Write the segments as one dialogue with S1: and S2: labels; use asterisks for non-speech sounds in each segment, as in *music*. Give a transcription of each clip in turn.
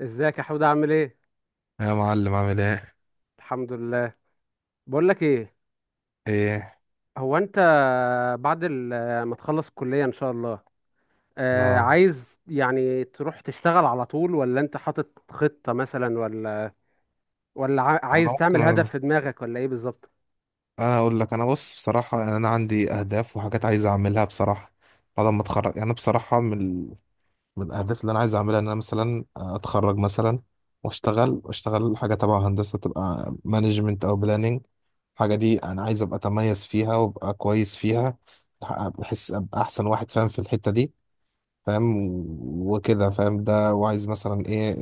S1: ازيك يا حود؟ عامل ايه؟
S2: يا معلم عامل ايه؟
S1: الحمد لله. بقول لك ايه،
S2: ايه؟
S1: هو انت ما تخلص الكلية ان شاء الله،
S2: انا
S1: عايز يعني تروح تشتغل على طول، ولا انت حاطط خطة مثلا، ولا ولا
S2: انا
S1: عايز
S2: ممكن
S1: تعمل هدف
S2: اقول.
S1: في دماغك ولا ايه بالظبط؟
S2: انا اقول لك، انا بص بصراحه، يعني انا عندي اهداف وحاجات عايز اعملها بصراحه. بعد ما اتخرج يعني أنا بصراحه من الاهداف اللي انا عايز اعملها ان انا مثلا اتخرج مثلا، واشتغل حاجه تبع هندسه، تبقى مانجمنت او بلاننج. الحاجه دي انا عايز ابقى اتميز فيها وابقى كويس فيها. بحس ابقى احسن واحد فاهم في الحته دي، فاهم وكده، فاهم ده؟ وعايز مثلا ايه؟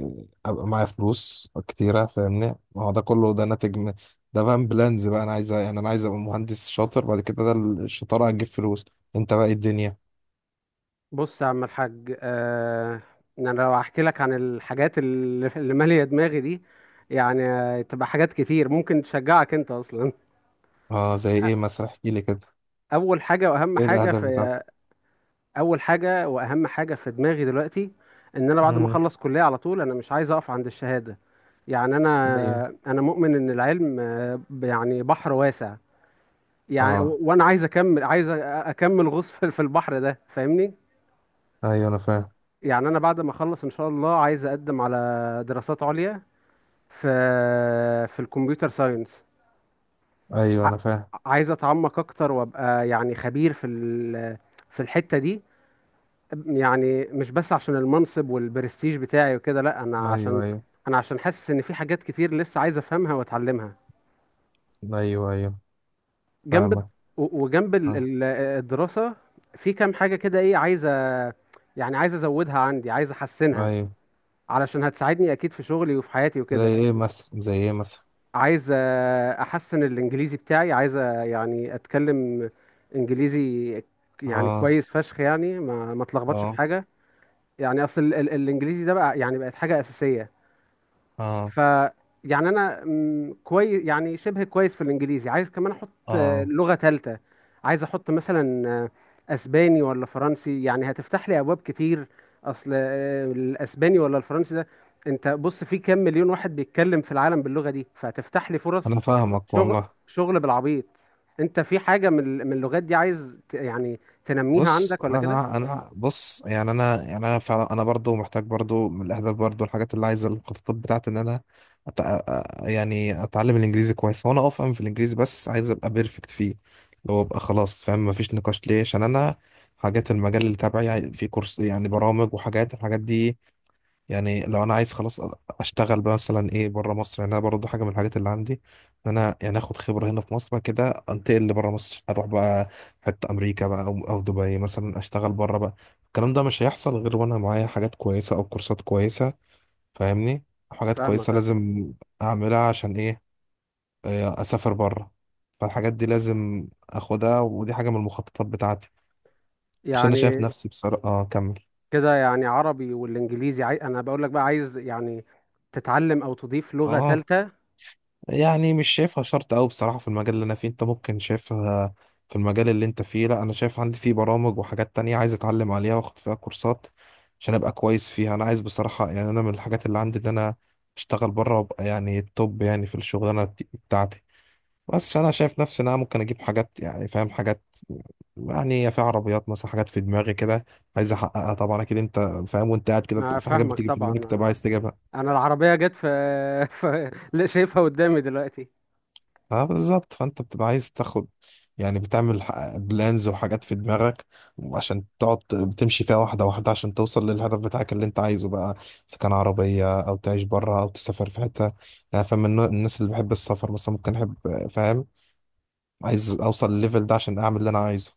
S2: ابقى معايا فلوس كتيره فاهمني. ما هو ده كله ده ناتج من ده، فاهم؟ بلانز بقى. انا عايز، يعني انا عايز ابقى مهندس شاطر بعد كده، ده الشطاره هتجيب فلوس. انت بقى، إيه الدنيا؟
S1: بص يا عم الحاج، انا لو احكي لك عن الحاجات اللي مالية دماغي دي يعني تبقى حاجات كتير ممكن تشجعك انت اصلا. *laughs*
S2: اه، زي ايه مثلا؟ احكي لي كده.
S1: اول حاجة واهم
S2: ايه
S1: حاجة
S2: الاهداف بتاعتك؟
S1: في، اول حاجه واهم حاجه في دماغي دلوقتي ان انا بعد ما
S2: امم.
S1: اخلص كليه على طول انا مش عايز اقف عند الشهاده. يعني
S2: ايوه.
S1: انا مؤمن ان العلم يعني بحر واسع. يعني
S2: اه.
S1: وانا عايز اكمل، عايز اكمل غوص في البحر ده فاهمني.
S2: ايوه انا فاهم.
S1: يعني انا بعد ما اخلص ان شاء الله عايز اقدم على دراسات عليا في في الكمبيوتر ساينس.
S2: ايوه
S1: ع-
S2: انا فاهم.
S1: عايز اتعمق اكتر وابقى يعني خبير في الحته دي. يعني مش بس عشان المنصب والبرستيج بتاعي وكده، لا،
S2: ايوه، ايوه.
S1: انا عشان حاسس ان في حاجات كتير لسه عايز افهمها واتعلمها
S2: ايوه، ايوه.
S1: جنب
S2: فاهمك.
S1: وجنب
S2: اه.
S1: الدراسة. في كام حاجة كده ايه عايز يعني عايز ازودها عندي، عايز احسنها
S2: ايوه.
S1: علشان هتساعدني اكيد في شغلي وفي حياتي
S2: زي
S1: وكده.
S2: ايه مثلا؟ زي ايه مثلا؟
S1: عايز احسن الانجليزي بتاعي، عايز يعني اتكلم انجليزي يعني
S2: اه.
S1: كويس فشخ، يعني ما اتلخبطش في
S2: اه.
S1: حاجة. يعني اصل الانجليزي ده بقى يعني بقت حاجة اساسية.
S2: اه.
S1: ف يعني انا كويس، يعني شبه كويس في الانجليزي، عايز كمان احط
S2: اه.
S1: لغة ثالثة. عايز احط مثلا اسباني ولا فرنسي، يعني هتفتح لي ابواب كتير. اصل الاسباني ولا الفرنسي ده، انت بص في كام مليون واحد بيتكلم في العالم باللغة دي، فهتفتح لي فرص
S2: انا فاهمك
S1: شغل،
S2: والله.
S1: شغل بالعبيط. انت في حاجة من اللغات دي عايز يعني تنميها
S2: بص
S1: عندك ولا كده؟
S2: انا بص، يعني انا، يعني انا فعلا، انا برضو محتاج برضو. من الاهداف برضو، الحاجات اللي عايزه، الخطط بتاعت ان انا يعني اتعلم الانجليزي كويس، وانا افهم في الانجليزي، بس عايز ابقى بيرفكت فيه. اللي هو ابقى خلاص فاهم، مفيش نقاش ليه، عشان انا حاجات المجال اللي تبعي في كورس، يعني برامج وحاجات، الحاجات دي. يعني لو انا عايز خلاص اشتغل بقى مثلا ايه بره مصر، يعني انا برضه حاجه من الحاجات اللي عندي ان انا يعني اخد خبره هنا في مصر، بعد كده انتقل لبره مصر، اروح بقى حته امريكا بقى، او دبي مثلا، اشتغل بره بقى. الكلام ده مش هيحصل غير وانا معايا حاجات كويسه او كورسات كويسه، فاهمني. حاجات
S1: فاهمك.
S2: كويسه
S1: آه.
S2: لازم اعملها. عشان ايه؟ اسافر بره. فالحاجات دي لازم اخدها، ودي حاجه من المخططات بتاعتي، عشان انا شايف
S1: يعني
S2: نفسي بصراحه، اه، كمل.
S1: كده يعني عربي والانجليزي انا بقول لك بقى عايز يعني تتعلم او تضيف لغة
S2: اه.
S1: ثالثة.
S2: يعني مش شايفها شرط أوي بصراحة في المجال اللي أنا فيه، أنت ممكن شايفها في المجال اللي أنت فيه. لأ، أنا شايف عندي فيه برامج وحاجات تانية عايز أتعلم عليها وأخد فيها كورسات عشان أبقى كويس فيها. أنا عايز بصراحة، يعني أنا من الحاجات اللي عندي إن أنا أشتغل بره وأبقى يعني التوب يعني في الشغلانة بتاعتي. بس أنا شايف نفسي إن أنا ممكن أجيب حاجات، يعني فاهم، حاجات يعني في عربيات مثلا، حاجات في دماغي كده عايز أحققها. طبعا أكيد أنت فاهم، وأنت قاعد كده
S1: ما
S2: في حاجات
S1: فاهمك
S2: بتيجي في
S1: طبعا،
S2: دماغك، تبقى عايز تجيبها.
S1: انا العربية جت في، *laughs* لا شايفها قدامي دلوقتي.
S2: اه بالظبط، فانت بتبقى عايز تاخد، يعني بتعمل بلانز وحاجات في دماغك، عشان تقعد بتمشي فيها واحدة واحدة عشان توصل للهدف بتاعك اللي انت عايزه بقى، اذا كان عربية او تعيش بره او تسافر في حتة. يعني فاهم الناس اللي بحب السفر مثلا ممكن احب، فاهم، عايز اوصل للليفل ده عشان اعمل اللي انا عايزه.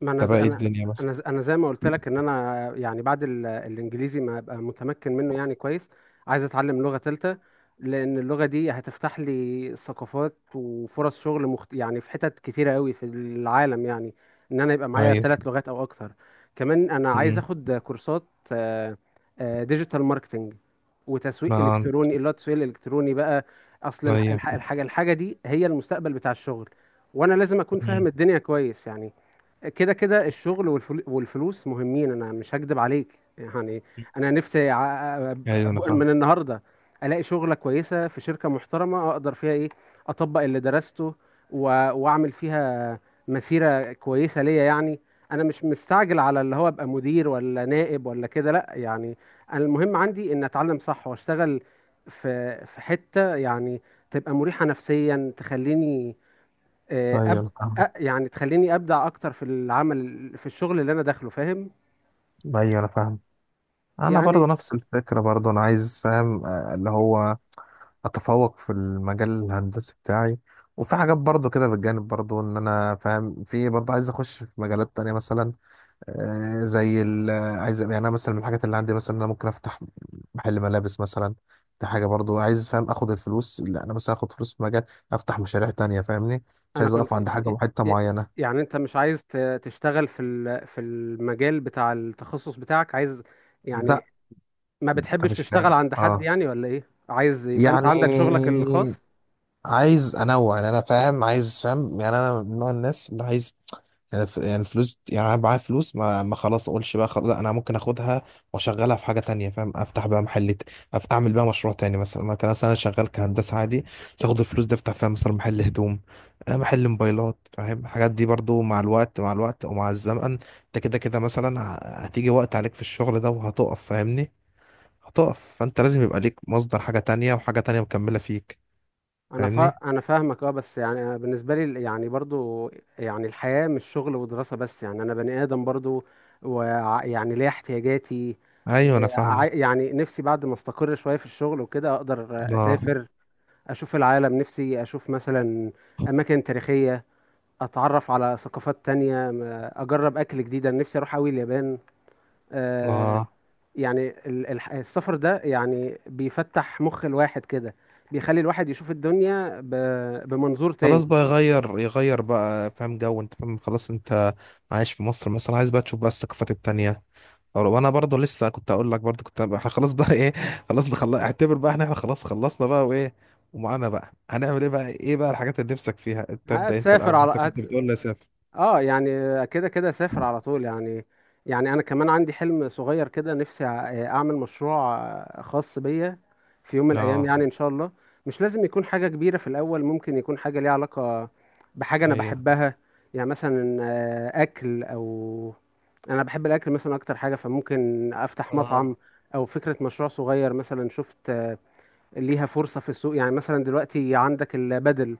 S1: ما انا
S2: ده بقى، ايه الدنيا مثلا؟
S1: انا انا زي ما قلت لك ان انا يعني الانجليزي ما ابقى متمكن منه يعني كويس، عايز اتعلم لغة تالتة لان اللغة دي هتفتح لي ثقافات وفرص شغل يعني في حتت كتيرة قوي في العالم، يعني ان انا يبقى معايا
S2: ايوه.
S1: ثلاث لغات او اكتر. كمان انا عايز
S2: امم.
S1: اخد كورسات ديجيتال ماركتنج وتسويق
S2: ما.
S1: الكتروني، اللي هو التسويق الالكتروني بقى. اصل
S2: ايوه.
S1: الحاجة دي هي المستقبل بتاع الشغل، وانا لازم اكون فاهم
S2: أمم.
S1: الدنيا كويس يعني. كده كده الشغل والفلوس مهمين، انا مش هكدب عليك. يعني انا نفسي
S2: ايوه انا فاهم.
S1: من النهارده الاقي شغله كويسه في شركه محترمه اقدر فيها ايه، اطبق اللي درسته، و- واعمل فيها مسيره كويسه ليا يعني. انا مش مستعجل على اللي هو ابقى مدير ولا نائب ولا كده، لا يعني. أنا المهم عندي ان اتعلم صح واشتغل في حته يعني تبقى مريحه نفسيا، تخليني آه،
S2: ايوه
S1: أب...
S2: انا فاهمك.
S1: يعني تخليني ابدع اكتر في العمل، في الشغل اللي انا داخله فاهم.
S2: ايوه انا فاهم. انا
S1: يعني
S2: برضو نفس الفكرة برضو، انا عايز فاهم، اللي هو اتفوق في المجال الهندسي بتاعي، وفي حاجات برضو كده بالجانب، برضو ان انا فاهم في، برضو عايز اخش في مجالات تانية مثلا، زي ال، عايز يعني انا مثلا من الحاجات اللي عندي مثلا إن انا ممكن افتح محل ملابس مثلا. دي حاجة برضو عايز، فاهم، اخد الفلوس اللي انا مثلا اخد فلوس في مجال، افتح مشاريع تانية فاهمني. مش
S1: انا
S2: عايز
S1: كنت
S2: اقف عند حاجة، حتة
S1: إ-
S2: معينة.
S1: يعني انت مش عايز تشتغل في المجال بتاع التخصص بتاعك، عايز يعني
S2: لا.
S1: ما
S2: انت
S1: بتحبش
S2: مش
S1: تشتغل
S2: فاهم،
S1: عند حد
S2: اه؟
S1: يعني، ولا ايه؟ عايز يبقى انت
S2: يعني
S1: عندك شغلك الخاص؟
S2: عايز انوع، يعني انا فاهم، عايز، فاهم، يعني انا من نوع الناس اللي عايز، يعني يعني الفلوس. يعني انا معايا فلوس، ما خلاص اقولش بقى خلاص لا، انا ممكن اخدها واشغلها في حاجه تانية، فاهم، افتح بقى محل اعمل بقى مشروع تاني مثلا. ما كان مثلا انا شغال كهندسه عادي، بس اخد الفلوس دي افتح فيها مثلا محل هدوم، محل موبايلات، فاهم؟ الحاجات دي برضو مع الوقت، مع الوقت ومع الزمن انت كده كده مثلا، هتيجي وقت عليك في الشغل ده وهتقف فاهمني. هتقف، فانت لازم يبقى ليك مصدر حاجه تانية، وحاجه تانية مكمله فيك، فاهمني.
S1: انا فاهمك اه، بس يعني انا بالنسبه لي يعني برضو يعني الحياه مش شغل ودراسه بس، يعني انا بني ادم برضو ويعني ليا احتياجاتي.
S2: ايوه انا فاهمك.
S1: يعني نفسي بعد ما استقر شويه في الشغل وكده اقدر
S2: اه.
S1: اسافر، اشوف العالم. نفسي اشوف مثلا اماكن تاريخيه، اتعرف على ثقافات تانية، اجرب اكل جديد. انا نفسي اروح اوي اليابان. آه،
S2: اه.
S1: يعني السفر ده يعني بيفتح مخ الواحد كده، بيخلي الواحد يشوف الدنيا بمنظور تاني.
S2: خلاص بقى، يغير يغير بقى فاهم جو، انت فاهم؟ خلاص، انت عايش في مصر مثلا، عايز بقى تشوف بقى الثقافات التانية. وانا برضه لسه كنت اقول لك برضه كنت احنا *laughs* خلاص بقى، ايه، خلاص نخلص، اعتبر بقى، احنا خلاص خلصنا بقى، وايه ومعانا بقى، هنعمل ايه بقى؟ ايه بقى الحاجات اللي نفسك فيها؟ انت ابدأ انت
S1: هتسافر
S2: الاول،
S1: على
S2: انت كنت بتقول لي سافر.
S1: اه يعني كده كده سافر على طول يعني. يعني انا كمان عندي حلم صغير كده، نفسي اعمل مشروع خاص بيا في يوم من الايام
S2: اه.
S1: يعني ان شاء الله. مش لازم يكون حاجة كبيرة في الاول، ممكن يكون حاجة ليها علاقة بحاجة انا
S2: هي.
S1: بحبها. يعني مثلا اكل او، انا بحب الاكل مثلا اكتر حاجه، فممكن افتح
S2: اه.
S1: مطعم. او فكره مشروع صغير مثلا شفت ليها فرصه في السوق، يعني مثلا دلوقتي عندك البدل،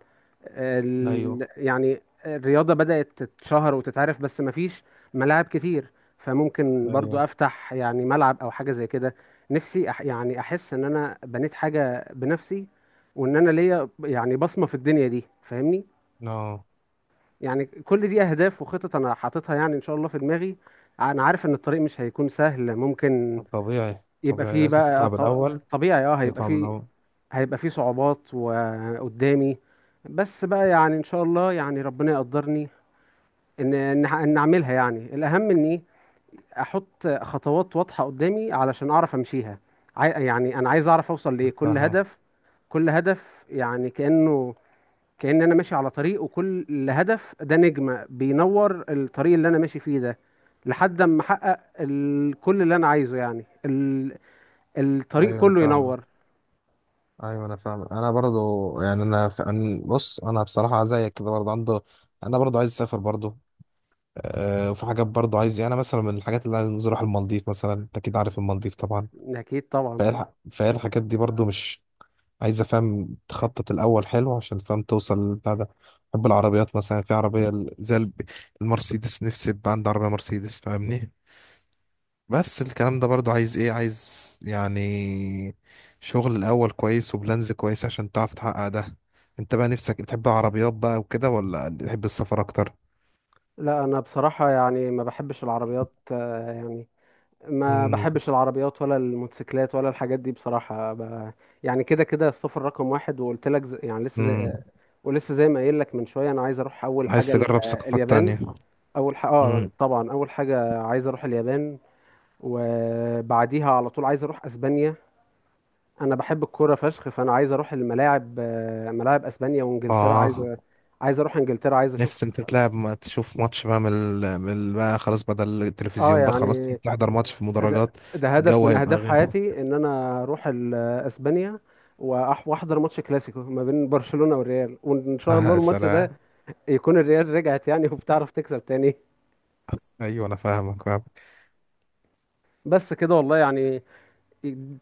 S2: ايوه.
S1: يعني الرياضه بدات تتشهر وتتعرف، بس مفيش ملاعب كتير، فممكن برضو
S2: ايوه.
S1: افتح يعني ملعب او حاجه زي كده. نفسي يعني احس ان انا بنيت حاجه بنفسي، وان انا ليا يعني بصمه في الدنيا دي فاهمني.
S2: اه.
S1: يعني كل دي اهداف وخطط انا حاططها يعني ان شاء الله في دماغي. انا عارف ان الطريق مش هيكون سهل، ممكن
S2: طبيعي
S1: يبقى
S2: طبيعي،
S1: فيه
S2: لازم
S1: بقى
S2: تتعب الاول.
S1: طبيعي اه هيبقى
S2: تتعب
S1: فيه،
S2: الاول.
S1: هيبقى فيه صعوبات وقدامي، بس بقى يعني ان شاء الله يعني ربنا يقدرني ان اعملها. يعني الاهم اني احط خطوات واضحة قدامي علشان اعرف امشيها. يعني انا عايز اعرف اوصل لايه
S2: أنا
S1: كل
S2: فاهم.
S1: هدف. كل هدف يعني كأنه، كأن انا ماشي على طريق وكل هدف ده نجمة بينور الطريق اللي انا ماشي فيه ده، لحد اما احقق كل اللي انا عايزه، يعني الطريق
S2: ايوه انا
S1: كله
S2: فاهمك.
S1: ينور.
S2: ايوه انا فاهم. انا برضو يعني، انا أنا بص، انا بصراحه زيك كده برضو عنده. انا برضو عايز اسافر برضو. أه، وفي حاجات برضو عايز، يعني انا مثلا من الحاجات اللي عايز اروح المالديف مثلا، انت اكيد عارف المالديف طبعا.
S1: اكيد طبعا.
S2: فايه الح... فايه الحاجات دي برضو مش عايز افهم، تخطط الاول حلو عشان فاهم توصل للبتاع ده. بحب العربيات مثلا، في عربيه المرسيدس، نفسي يبقى عندي عربيه مرسيدس فاهمني. بس الكلام ده برضو عايز ايه؟ عايز يعني شغل الاول كويس وبلانز كويس عشان تعرف تحقق ده. انت بقى نفسك بتحب العربيات بقى وكده، ولا بتحب السفر اكتر؟
S1: لا انا بصراحة يعني ما بحبش العربيات، يعني ما
S2: امم.
S1: بحبش العربيات ولا الموتوسيكلات ولا الحاجات دي بصراحة يعني كده كده السفر رقم واحد، وقلت لك يعني لسه
S2: امم.
S1: ولسه زي ما قايل لك من شوية، انا عايز اروح اول
S2: عايز
S1: حاجة
S2: تجرب ثقافات
S1: اليابان.
S2: تانية؟
S1: اول حاجة اه
S2: امم.
S1: طبعا، اول حاجة عايز اروح اليابان، وبعديها على طول عايز اروح اسبانيا. انا بحب الكوره فشخ، فانا عايز اروح الملاعب، ملاعب اسبانيا وانجلترا.
S2: اه.
S1: عايز عايز اروح انجلترا، عايز اشوف،
S2: نفسي انت تلعب، ما تشوف ماتش بقى بقى خلاص، بدل
S1: اه
S2: التلفزيون بقى، خلاص
S1: يعني
S2: تحضر ماتش في مدرجات.
S1: ده هدف
S2: الجو
S1: من
S2: هيبقى
S1: اهداف
S2: غير *laughs*
S1: حياتي ان انا اروح اسبانيا واحضر ماتش كلاسيكو ما بين برشلونة والريال، وان شاء الله الماتش ده
S2: سلام.
S1: يكون الريال رجعت يعني *laughs* وبتعرف تكسب تاني.
S2: ايوه انا فاهمك، فاهمك.
S1: بس كده والله يعني،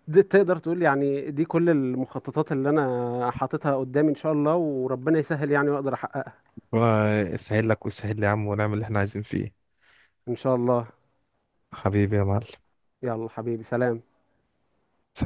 S1: دي تقدر تقول يعني دي كل المخططات اللي انا حاططها قدامي ان شاء الله، وربنا يسهل يعني واقدر احققها.
S2: ربنا يسهل لك ويسهل لي يا عم، ونعمل اللي احنا عايزين فيه.
S1: ان شاء الله.
S2: حبيبي يا معلم.
S1: يلا حبيبي، سلام.